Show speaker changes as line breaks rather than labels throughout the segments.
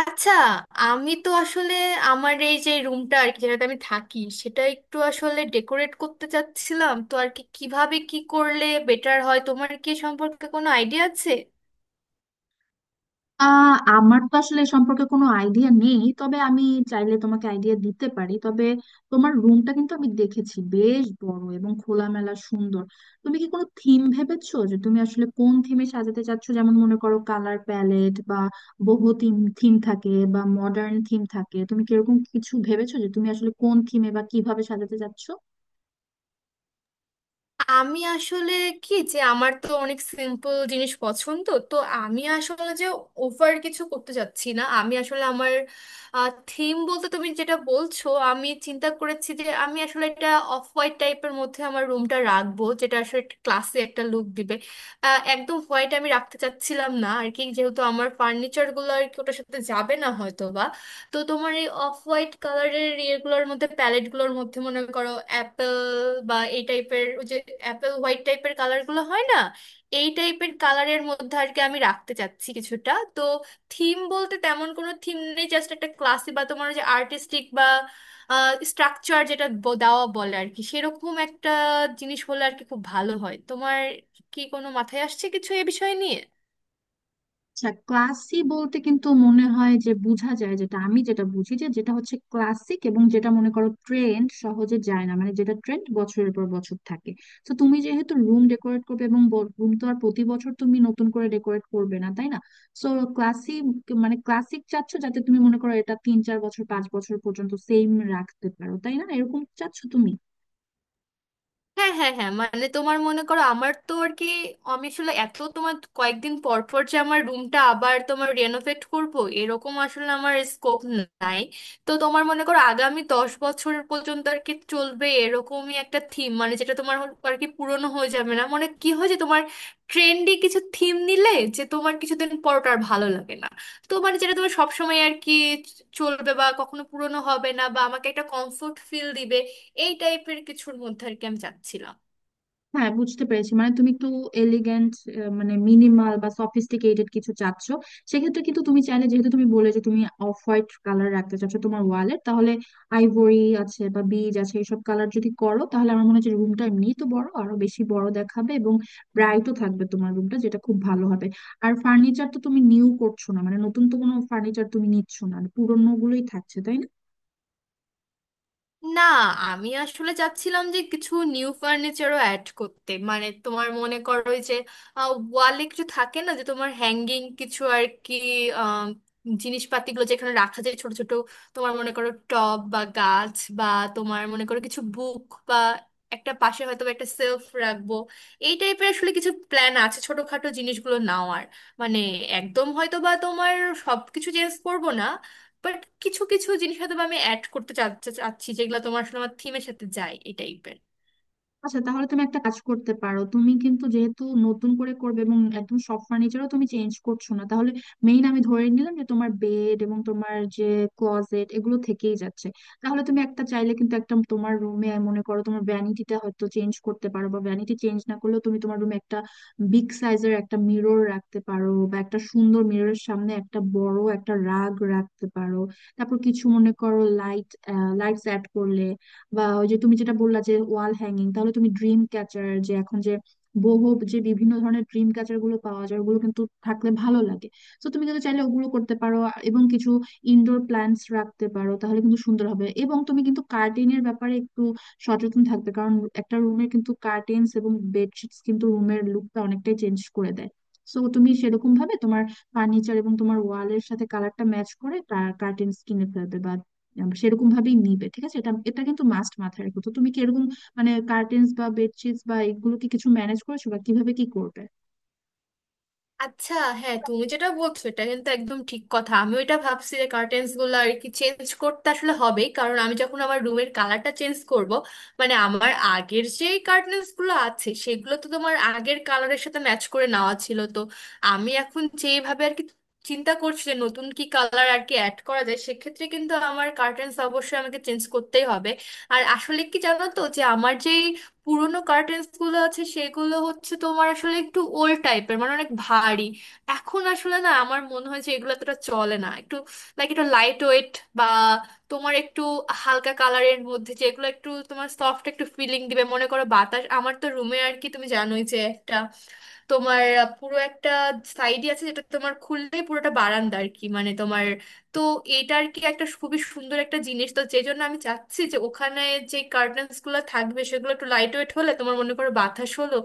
আচ্ছা, আমি তো আসলে আমার এই যে রুমটা আর কি যেটাতে আমি থাকি সেটা একটু আসলে ডেকোরেট করতে চাচ্ছিলাম তো আর কি, কিভাবে কি করলে বেটার হয়, তোমার কি এ সম্পর্কে কোনো আইডিয়া আছে?
আমার তো আসলে এ সম্পর্কে কোনো আইডিয়া নেই, তবে আমি চাইলে তোমাকে আইডিয়া দিতে পারি। তবে তোমার রুমটা কিন্তু আমি দেখেছি, বেশ বড় এবং খোলামেলা সুন্দর। তুমি কি কোনো থিম ভেবেছো, যে তুমি আসলে কোন থিমে সাজাতে চাচ্ছো? যেমন মনে করো কালার প্যালেট বা বহু থিম থিম থাকে বা মডার্ন থিম থাকে। তুমি কিরকম কিছু ভেবেছো যে তুমি আসলে কোন থিমে বা কিভাবে সাজাতে চাচ্ছো?
আমি আসলে কি যে, আমার তো অনেক সিম্পল জিনিস পছন্দ, তো আমি আসলে যে ওভার কিছু করতে যাচ্ছি না। আমি আসলে আমার থিম বলতে তুমি যেটা বলছো, আমি চিন্তা করেছি যে আমি আসলে একটা অফ হোয়াইট টাইপের মধ্যে আমার রুমটা রাখবো, যেটা আসলে ক্লাসে একটা লুক দিবে। একদম হোয়াইট আমি রাখতে চাচ্ছিলাম না আর কি, যেহেতু আমার ফার্নিচারগুলো আর কি ওটার সাথে যাবে না হয়তো। তো তোমার এই অফ হোয়াইট কালারের ইয়েগুলোর মধ্যে, প্যালেট গুলোর মধ্যে, মনে করো অ্যাপেল বা এই টাইপের, যে অ্যাপেল হোয়াইট টাইপের কালার গুলো হয় না, এই টাইপের কালারের মধ্যে আর কি আমি রাখতে চাচ্ছি কিছুটা। তো থিম বলতে তেমন কোনো থিম নেই, জাস্ট একটা ক্লাসি বা তোমার ওই যে আর্টিস্টিক বা স্ট্রাকচার যেটা দেওয়া বলে আর কি, সেরকম একটা জিনিস হলে আর কি খুব ভালো হয়। তোমার কি কোনো মাথায় আসছে কিছু এ বিষয় নিয়ে?
আচ্ছা, ক্লাসি বলতে কিন্তু মনে হয় যে বোঝা যায়, যেটা আমি যেটা বুঝি, যে যেটা হচ্ছে ক্লাসিক এবং যেটা মনে করো ট্রেন্ড সহজে যায় না, মানে যেটা ট্রেন্ড বছরের পর বছর থাকে। তো তুমি যেহেতু রুম ডেকোরেট করবে, এবং রুম তো আর প্রতি বছর তুমি নতুন করে ডেকোরেট করবে না, তাই না? সো ক্লাসি মানে ক্লাসিক চাচ্ছ, যাতে তুমি মনে করো এটা তিন চার বছর পাঁচ বছর পর্যন্ত সেম রাখতে পারো, তাই না? এরকম চাচ্ছ তুমি?
হ্যাঁ, হ্যাঁ, হ্যাঁ, মানে তোমার মনে করো আমার তো আর কি, আমি আসলে এত তোমার কয়েকদিন পর পর যে আমার রুমটা আবার তোমার রেনোভেট করব এরকম আসলে আমার স্কোপ নাই। তো তোমার মনে করো আগামী 10 বছর পর্যন্ত আর কি চলবে এরকমই একটা থিম, মানে যেটা তোমার আর কি পুরনো হয়ে যাবে না। মানে কি হয় যে তোমার ট্রেন্ডি কিছু থিম নিলে যে তোমার কিছুদিন পর ওটা আর ভালো লাগে না, তো মানে যেটা তোমার সবসময় আর কি চলবে বা কখনো পুরনো হবে না বা আমাকে একটা কমফোর্ট ফিল দিবে, এই টাইপের কিছুর মধ্যে আর কি আমি চাচ্ছিলাম।
হ্যাঁ বুঝতে পেরেছি, মানে তুমি একটু এলিগেন্ট মানে মিনিমাল বা সফিস্টিকেটেড কিছু চাচ্ছ। সেক্ষেত্রে কিন্তু তুমি চাইলে, যেহেতু তুমি বলে যে তুমি অফ হোয়াইট কালার রাখতে চাচ্ছ তোমার ওয়ালে, তাহলে আইভরি আছে বা বিজ আছে, এইসব কালার যদি করো তাহলে আমার মনে হচ্ছে রুমটা এমনিই তো বড়, আরো বেশি বড় দেখাবে এবং ব্রাইটও থাকবে তোমার রুমটা, যেটা খুব ভালো হবে। আর ফার্নিচার তো তুমি নিউ করছো না, মানে নতুন তো কোনো ফার্নিচার তুমি নিচ্ছ না, পুরোনো গুলোই থাকছে তাই না?
না, আমি আসলে চাচ্ছিলাম যে কিছু নিউ ফার্নিচারও অ্যাড করতে, মানে তোমার মনে করো ওই যে ওয়ালে কিছু থাকে না যে তোমার হ্যাঙ্গিং কিছু আর কি, আহ, জিনিসপাতিগুলো যেখানে রাখা যায় ছোট ছোট, তোমার মনে করো টব বা গাছ বা, তোমার মনে করো কিছু বুক বা একটা পাশে হয়তো বা একটা সেলফ রাখবো, এই টাইপের আসলে কিছু প্ল্যান আছে ছোটখাটো জিনিসগুলো নাও। আর মানে একদম হয়তো বা তোমার সবকিছু চেঞ্জ করবো না, বাট কিছু কিছু জিনিস হয়তো বা আমি অ্যাড করতে চা- চা- চাচ্ছি যেগুলো তোমার আসলে আমার থিমের সাথে যায়, এই টাইপের।
আচ্ছা, তাহলে তুমি একটা কাজ করতে পারো। তুমি কিন্তু যেহেতু নতুন করে করবে এবং একদম সব ফার্নিচারও তুমি চেঞ্জ করছো না, তাহলে মেইন আমি ধরে নিলাম যে তোমার বেড এবং তোমার যে ক্লোজেট এগুলো থেকেই যাচ্ছে। তাহলে তুমি একটা চাইলে কিন্তু একটা তোমার রুমে মনে করো তোমার ভ্যানিটিটা হয়তো চেঞ্জ করতে পারো, বা ভ্যানিটি চেঞ্জ না করলেও তুমি তোমার রুমে একটা বিগ সাইজের একটা মিরর রাখতে পারো, বা একটা সুন্দর মিররের সামনে একটা বড় একটা রাগ রাখতে পারো। তারপর কিছু মনে করো লাইট, লাইটস অ্যাড করলে, বা ওই যে তুমি যেটা বললা যে ওয়াল হ্যাঙ্গিং, তাহলে তুমি ড্রিম ক্যাচার, যে এখন যে বহু যে বিভিন্ন ধরনের ড্রিম ক্যাচার গুলো পাওয়া যায়, ওগুলো কিন্তু থাকলে ভালো লাগে। তো তুমি কিন্তু চাইলে ওগুলো করতে পারো। এবং কিছু ইনডোর প্ল্যান্টস রাখতে পারো, তাহলে কিন্তু সুন্দর হবে। এবং তুমি কিন্তু কার্টেনের ব্যাপারে একটু সচেতন থাকবে, কারণ একটা রুমের কিন্তু কার্টেন্স এবং বেডশিটস কিন্তু রুমের লুকটা অনেকটাই চেঞ্জ করে দেয়। সো তুমি সেরকম ভাবে তোমার ফার্নিচার এবং তোমার ওয়ালের সাথে কালারটা ম্যাচ করে কার্টেন্স কিনে ফেলবে, সেরকম ভাবেই নিবে, ঠিক আছে? এটা এটা কিন্তু মাস্ট মাথায় রেখো। তো তুমি কি এরকম মানে কার্টেন্স বা বেডশিটস বা এগুলো কি কিছু ম্যানেজ করেছো, বা কিভাবে কি করবে?
আচ্ছা। হ্যাঁ, তুমি যেটা বলছো এটা কিন্তু একদম ঠিক কথা। আমি ওইটা ভাবছি যে কার্টেন্স গুলো আর কি চেঞ্জ করতে আসলে হবেই, কারণ আমি যখন আমার রুমের কালারটা চেঞ্জ করব, মানে আমার আগের যে কার্টেন্স গুলো আছে সেগুলো তো তোমার আগের কালারের সাথে ম্যাচ করে নেওয়া ছিল। তো আমি এখন যেভাবে আর কি চিন্তা করছি যে নতুন কি কালার আর কি অ্যাড করা যায়, সেক্ষেত্রে কিন্তু আমার কার্টেন্স অবশ্যই আমাকে চেঞ্জ করতেই হবে। আর আসলে কি জানো তো, যে আমার যেই পুরোনো কার্টেন্স গুলো আছে সেগুলো হচ্ছে তোমার আসলে একটু ওল্ড টাইপের, মানে অনেক ভারী। এখন আসলে না, আমার মনে হয় যে এগুলো এতটা চলে না, একটু লাইক একটু লাইট ওয়েট বা তোমার একটু হালকা কালারের মধ্যে যেগুলো একটু তোমার সফট একটু ফিলিং দিবে। মনে করো বাতাস, আমার তো রুমে আর কি তুমি জানোই যে একটা তোমার পুরো একটা সাইডই আছে যেটা তোমার খুললেই পুরোটা বারান্দা আর কি, মানে, তো এটার কি একটা খুবই সুন্দর একটা জিনিস, তো যে জন্য আমি চাচ্ছি যে ওখানে যে কার্টেন্স গুলো থাকবে সেগুলো একটু লাইট ওয়েট হলে তোমার মনে করো বাতাস হলো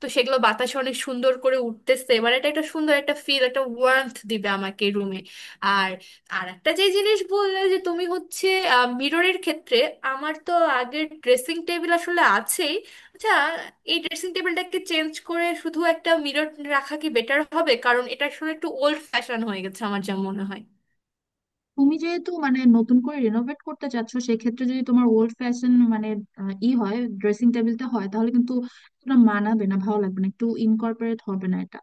তো সেগুলো বাতাসে অনেক সুন্দর করে উঠতেছে, এবার এটা একটা সুন্দর একটা ফিল, একটা ওয়ার্মথ দিবে আমাকে রুমে। আর আর একটা যে জিনিস বললে যে তুমি, হচ্ছে মিররের ক্ষেত্রে, আমার তো আগের ড্রেসিং টেবিল আসলে আছেই। আচ্ছা, এই ড্রেসিং টেবিলটাকে চেঞ্জ করে শুধু একটা মিরর রাখা কি বেটার হবে? কারণ এটা আসলে একটু ওল্ড ফ্যাশন হয়ে গেছে আমার যা মনে হয়।
তুমি যেহেতু মানে নতুন করে রিনোভেট করতে চাচ্ছ, সেক্ষেত্রে যদি তোমার ওল্ড ফ্যাশন মানে আহ, ই হয় ড্রেসিং টেবিলটা হয়, তাহলে কিন্তু তোমরা মানাবে না, ভালো লাগবে না, একটু ইনকর্পোরেট হবে না এটা।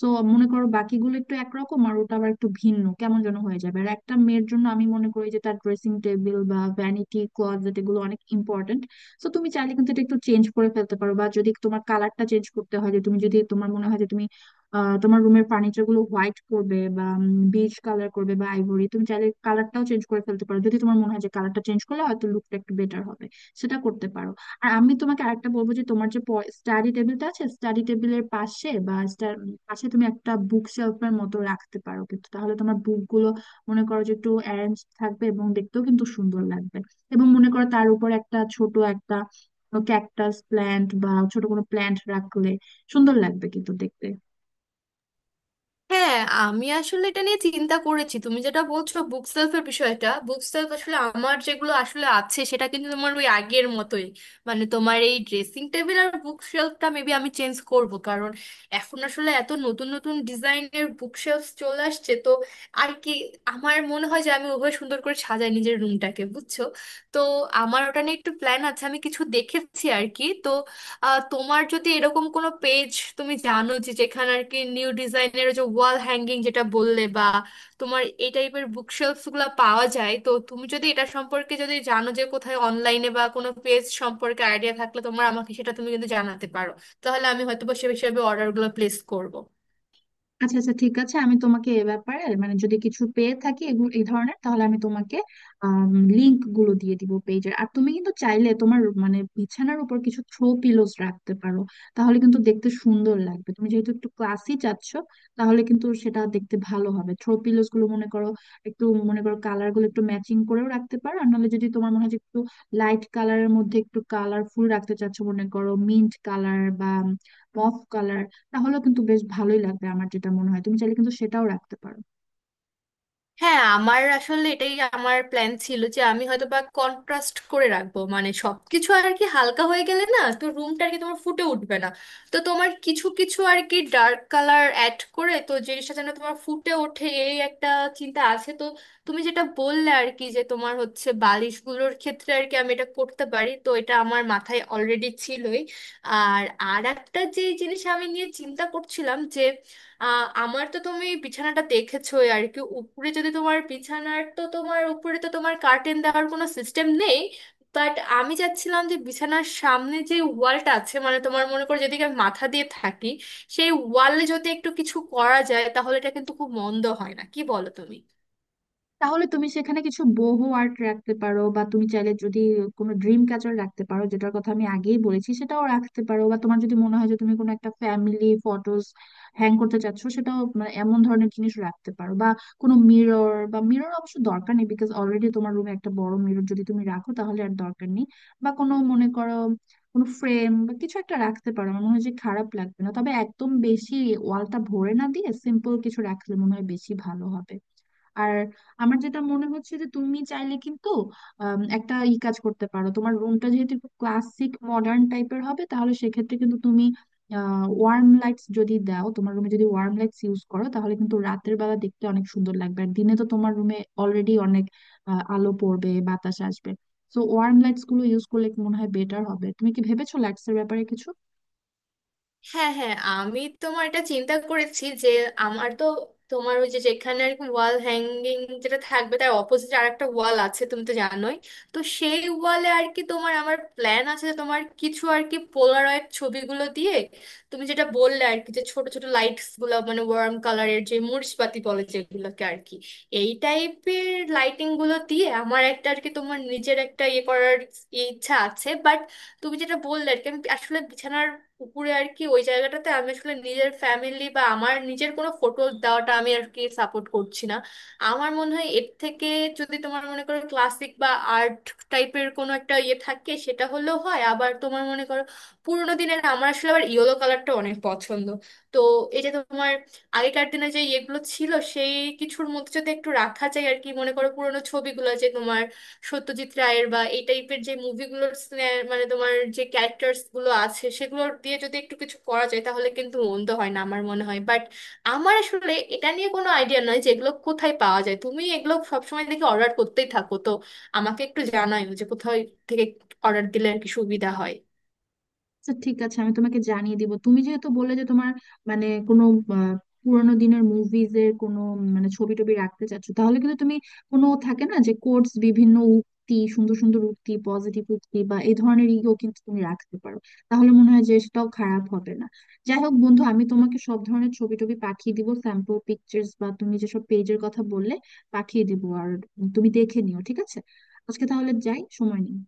সো মনে করো বাকিগুলো একটু একরকম আর ওটা আবার একটু ভিন্ন, কেমন যেন হয়ে যাবে। আর একটা মেয়ের জন্য আমি মনে করি যে তার ড্রেসিং টেবিল বা ভ্যানিটি ক্লোজেট এগুলো অনেক ইম্পর্টেন্ট। সো তুমি চাইলে কিন্তু এটা একটু চেঞ্জ করে ফেলতে পারো, বা যদি তোমার কালারটা চেঞ্জ করতে হয়, যে তুমি যদি তোমার মনে হয় যে তুমি তোমার রুমের ফার্নিচার গুলো হোয়াইট করবে বা বেজ কালার করবে বা আইভরি, তুমি চাইলে কালারটাও চেঞ্জ করে ফেলতে পারো, যদি তোমার মনে হয় যে কালারটা চেঞ্জ করলে হয়তো লুকটা একটু বেটার হবে, সেটা করতে পারো। আর আমি তোমাকে আরেকটা বলবো, যে তোমার যে স্টাডি টেবিলটা আছে, স্টাডি টেবিলের পাশে বা পাশে তুমি একটা বুক শেলফের মতো রাখতে পারো কিন্তু, তাহলে তোমার বুক গুলো মনে করো যে একটু অ্যারেঞ্জ থাকবে এবং দেখতেও কিন্তু সুন্দর লাগবে। এবং মনে করো তার উপর একটা ছোট একটা ক্যাকটাস প্ল্যান্ট বা ছোট কোনো প্ল্যান্ট রাখলে সুন্দর লাগবে কিন্তু দেখতে।
হ্যাঁ, আমি আসলে এটা নিয়ে চিন্তা করেছি। তুমি যেটা বলছো বুক সেলফের বিষয়টা, বুক সেলফ আসলে আমার যেগুলো আসলে আছে সেটা কিন্তু তোমার ওই আগের মতোই। মানে তোমার এই ড্রেসিং টেবিল আর বুক শেলফটা মেবি আমি চেঞ্জ করব, কারণ এখন আসলে এত নতুন নতুন ডিজাইনের বুক শেলফ চলে আসছে, তো আর কি আমার মনে হয় যে আমি ওভাবে সুন্দর করে সাজাই নিজের রুমটাকে, বুঝছো? তো আমার ওটা নিয়ে একটু প্ল্যান আছে, আমি কিছু দেখেছি আর কি। তো তোমার যদি এরকম কোনো পেজ তুমি জানো যে, যেখানে আর কি নিউ ডিজাইনের যে ওয়াল হ্যাঙ্গিং যেটা বললে বা তোমার এই টাইপের বুকশেলফস গুলো পাওয়া যায়, তো তুমি যদি এটা সম্পর্কে যদি জানো যে কোথায় অনলাইনে বা কোনো পেজ সম্পর্কে আইডিয়া থাকলে তোমার, আমাকে সেটা তুমি কিন্তু জানাতে পারো, তাহলে আমি হয়তো বা সে হিসাবে অর্ডারগুলো প্লেস করব।
আচ্ছা আচ্ছা, ঠিক আছে, আমি তোমাকে এ ব্যাপারে মানে যদি কিছু পেয়ে থাকি এগুলো এই ধরনের, তাহলে আমি তোমাকে লিংক গুলো দিয়ে দিব পেজের। আর তুমি কিন্তু চাইলে তোমার মানে বিছানার উপর কিছু থ্রো পিলোস রাখতে পারো, তাহলে কিন্তু দেখতে সুন্দর লাগবে। তুমি যেহেতু একটু ক্লাসি চাচ্ছ, তাহলে কিন্তু সেটা দেখতে ভালো হবে। থ্রো পিলোস গুলো মনে করো একটু, মনে করো কালার গুলো একটু ম্যাচিং করেও রাখতে পারো, আর নাহলে যদি তোমার মনে হয় যে একটু লাইট কালারের মধ্যে একটু কালারফুল রাখতে চাচ্ছ, মনে করো মিন্ট কালার বা মফ কালার, তাহলেও কিন্তু বেশ ভালোই লাগবে আমার যেটা মনে হয়, তুমি চাইলে কিন্তু সেটাও রাখতে পারো।
হ্যাঁ, আমার আসলে এটাই আমার প্ল্যান ছিল যে আমি হয়তো বা কন্ট্রাস্ট করে রাখবো, মানে সবকিছু আর কি হালকা হয়ে গেলে না তো রুমটা আর কি তোমার ফুটে উঠবে না। তো তোমার কিছু কিছু আর কি ডার্ক কালার অ্যাড করে তো জিনিসটা যেন তোমার ফুটে ওঠে, এই একটা চিন্তা আছে। তো তুমি যেটা বললে আর কি যে তোমার হচ্ছে বালিশগুলোর ক্ষেত্রে আর কি, আমি এটা করতে পারি, তো এটা আমার মাথায় অলরেডি ছিলই। আর আর একটা যে জিনিস আমি নিয়ে চিন্তা করছিলাম, আমার তো তুমি বিছানাটা দেখেছোই আর কি, উপরে যদি তোমার বিছানার, তো তোমার উপরে তো তোমার কার্টেন দেওয়ার কোনো সিস্টেম নেই, বাট আমি চাচ্ছিলাম যে বিছানার সামনে যে ওয়ালটা আছে, মানে তোমার মনে করো যেদিকে আমি মাথা দিয়ে থাকি, সেই ওয়ালে যদি একটু কিছু করা যায় তাহলে এটা কিন্তু খুব মন্দ হয় না, কি বলো তুমি?
তাহলে তুমি সেখানে কিছু বোহো আর্ট রাখতে পারো, বা তুমি চাইলে যদি কোনো ড্রিম ক্যাচার রাখতে পারো, যেটার কথা আমি আগেই বলেছি, সেটাও রাখতে পারো। বা তোমার যদি মনে হয় যে তুমি কোনো একটা ফ্যামিলি ফটোজ হ্যাং করতে চাচ্ছো, সেটাও, মানে এমন ধরনের জিনিস রাখতে পারো। বা কোনো মিরর, বা মিরর অবশ্য দরকার নেই, বিকজ অলরেডি তোমার রুমে একটা বড় মিরর যদি তুমি রাখো তাহলে আর দরকার নেই। বা কোনো মনে করো কোনো ফ্রেম বা কিছু একটা রাখতে পারো, আমার মনে হয় যে খারাপ লাগবে না, তবে একদম বেশি ওয়ালটা ভরে না দিয়ে সিম্পল কিছু রাখলে মনে হয় বেশি ভালো হবে। আর আমার যেটা মনে হচ্ছে, যে তুমি চাইলে কিন্তু একটা কাজ করতে পারো। তোমার রুমটা যেহেতু একটু ক্লাসিক মডার্ন টাইপের হবে, তাহলে সেক্ষেত্রে কিন্তু তুমি ওয়ার্ম লাইটস যদি দাও, তোমার রুমে যদি ওয়ার্ম লাইটস ইউজ করো, তাহলে কিন্তু রাতের বেলা দেখতে অনেক সুন্দর লাগবে। আর দিনে তো তোমার রুমে অলরেডি অনেক আলো পড়বে, বাতাস আসবে। তো ওয়ার্ম লাইটস গুলো ইউজ করলে মনে হয় বেটার হবে। তুমি কি ভেবেছো লাইটস এর ব্যাপারে কিছু?
হ্যাঁ, হ্যাঁ, আমি তোমার এটা চিন্তা করেছি যে আমার তো তোমার ওই যে যেখানে আর কি ওয়াল হ্যাঙ্গিং যেটা থাকবে তার অপোজিট আর একটা ওয়াল আছে তুমি তো জানোই। তো সেই ওয়ালে আর কি তোমার আমার প্ল্যান আছে যে তোমার কিছু আর কি পোলারয়েড ছবিগুলো দিয়ে, তুমি যেটা বললে আর কি যে ছোট ছোট লাইটস গুলো মানে ওয়ার্ম কালারের যে মরিচবাতি বলে যেগুলোকে আর কি, এই টাইপের লাইটিং গুলো দিয়ে আমার একটা আর কি তোমার নিজের একটা ইয়ে করার ইচ্ছা আছে। বাট তুমি যেটা বললে আর কি, আমি আসলে বিছানার উপরে আর কি ওই জায়গাটাতে আমি আসলে নিজের ফ্যামিলি বা আমার নিজের কোনো ফটো দেওয়াটা আমি আর কি সাপোর্ট করছি না। আমার মনে হয় এর থেকে, যদি তোমার মনে করো ক্লাসিক বা আর্ট টাইপের কোনো একটা ইয়ে থাকে সেটা হলেও হয়। আবার তোমার মনে করো পুরোনো দিনের, আমার আসলে আবার ইয়েলো কালারটা অনেক পছন্দ। তো এই যে তোমার আগেকার দিনে যে ইয়েগুলো ছিল সেই কিছুর মধ্যে যদি একটু রাখা যায় আর কি, মনে করো পুরোনো ছবিগুলো যে তোমার সত্যজিৎ রায়ের বা এই টাইপের যে মুভিগুলোর, মানে তোমার যে ক্যারেক্টার্স গুলো আছে সেগুলো দিয়ে যদি একটু কিছু করা যায় তাহলে কিন্তু মন্দ হয় না আমার মনে হয়। বাট আমার আসলে এটা নিয়ে কোনো আইডিয়া নয় যে এগুলো কোথায় পাওয়া যায়। তুমি এগুলো সবসময় দেখি অর্ডার করতেই থাকো, তো আমাকে একটু জানাইও যে কোথায় থেকে অর্ডার দিলে আর কি সুবিধা হয়।
আচ্ছা, ঠিক আছে, আমি তোমাকে জানিয়ে দিব। তুমি যেহেতু বললে যে তোমার মানে কোনো আহ, পুরানো দিনের মুভিজ এর কোনো মানে ছবি টবি রাখতে চাচ্ছ, তাহলে কিন্তু তুমি কোনো থাকে না যে কোটস, বিভিন্ন উক্তি, সুন্দর সুন্দর উক্তি, পজিটিভ উক্তি বা এই ধরনের ইও কিন্তু তুমি রাখতে পারো, তাহলে মনে হয় যে সেটাও খারাপ হবে না। যাই হোক বন্ধু, আমি তোমাকে সব ধরনের ছবি টবি পাঠিয়ে দিব, স্যাম্পল পিকচার্স, বা তুমি যেসব পেজের কথা বললে পাঠিয়ে দিব। আর তুমি দেখে নিও, ঠিক আছে? আজকে তাহলে যাই, সময় নেই।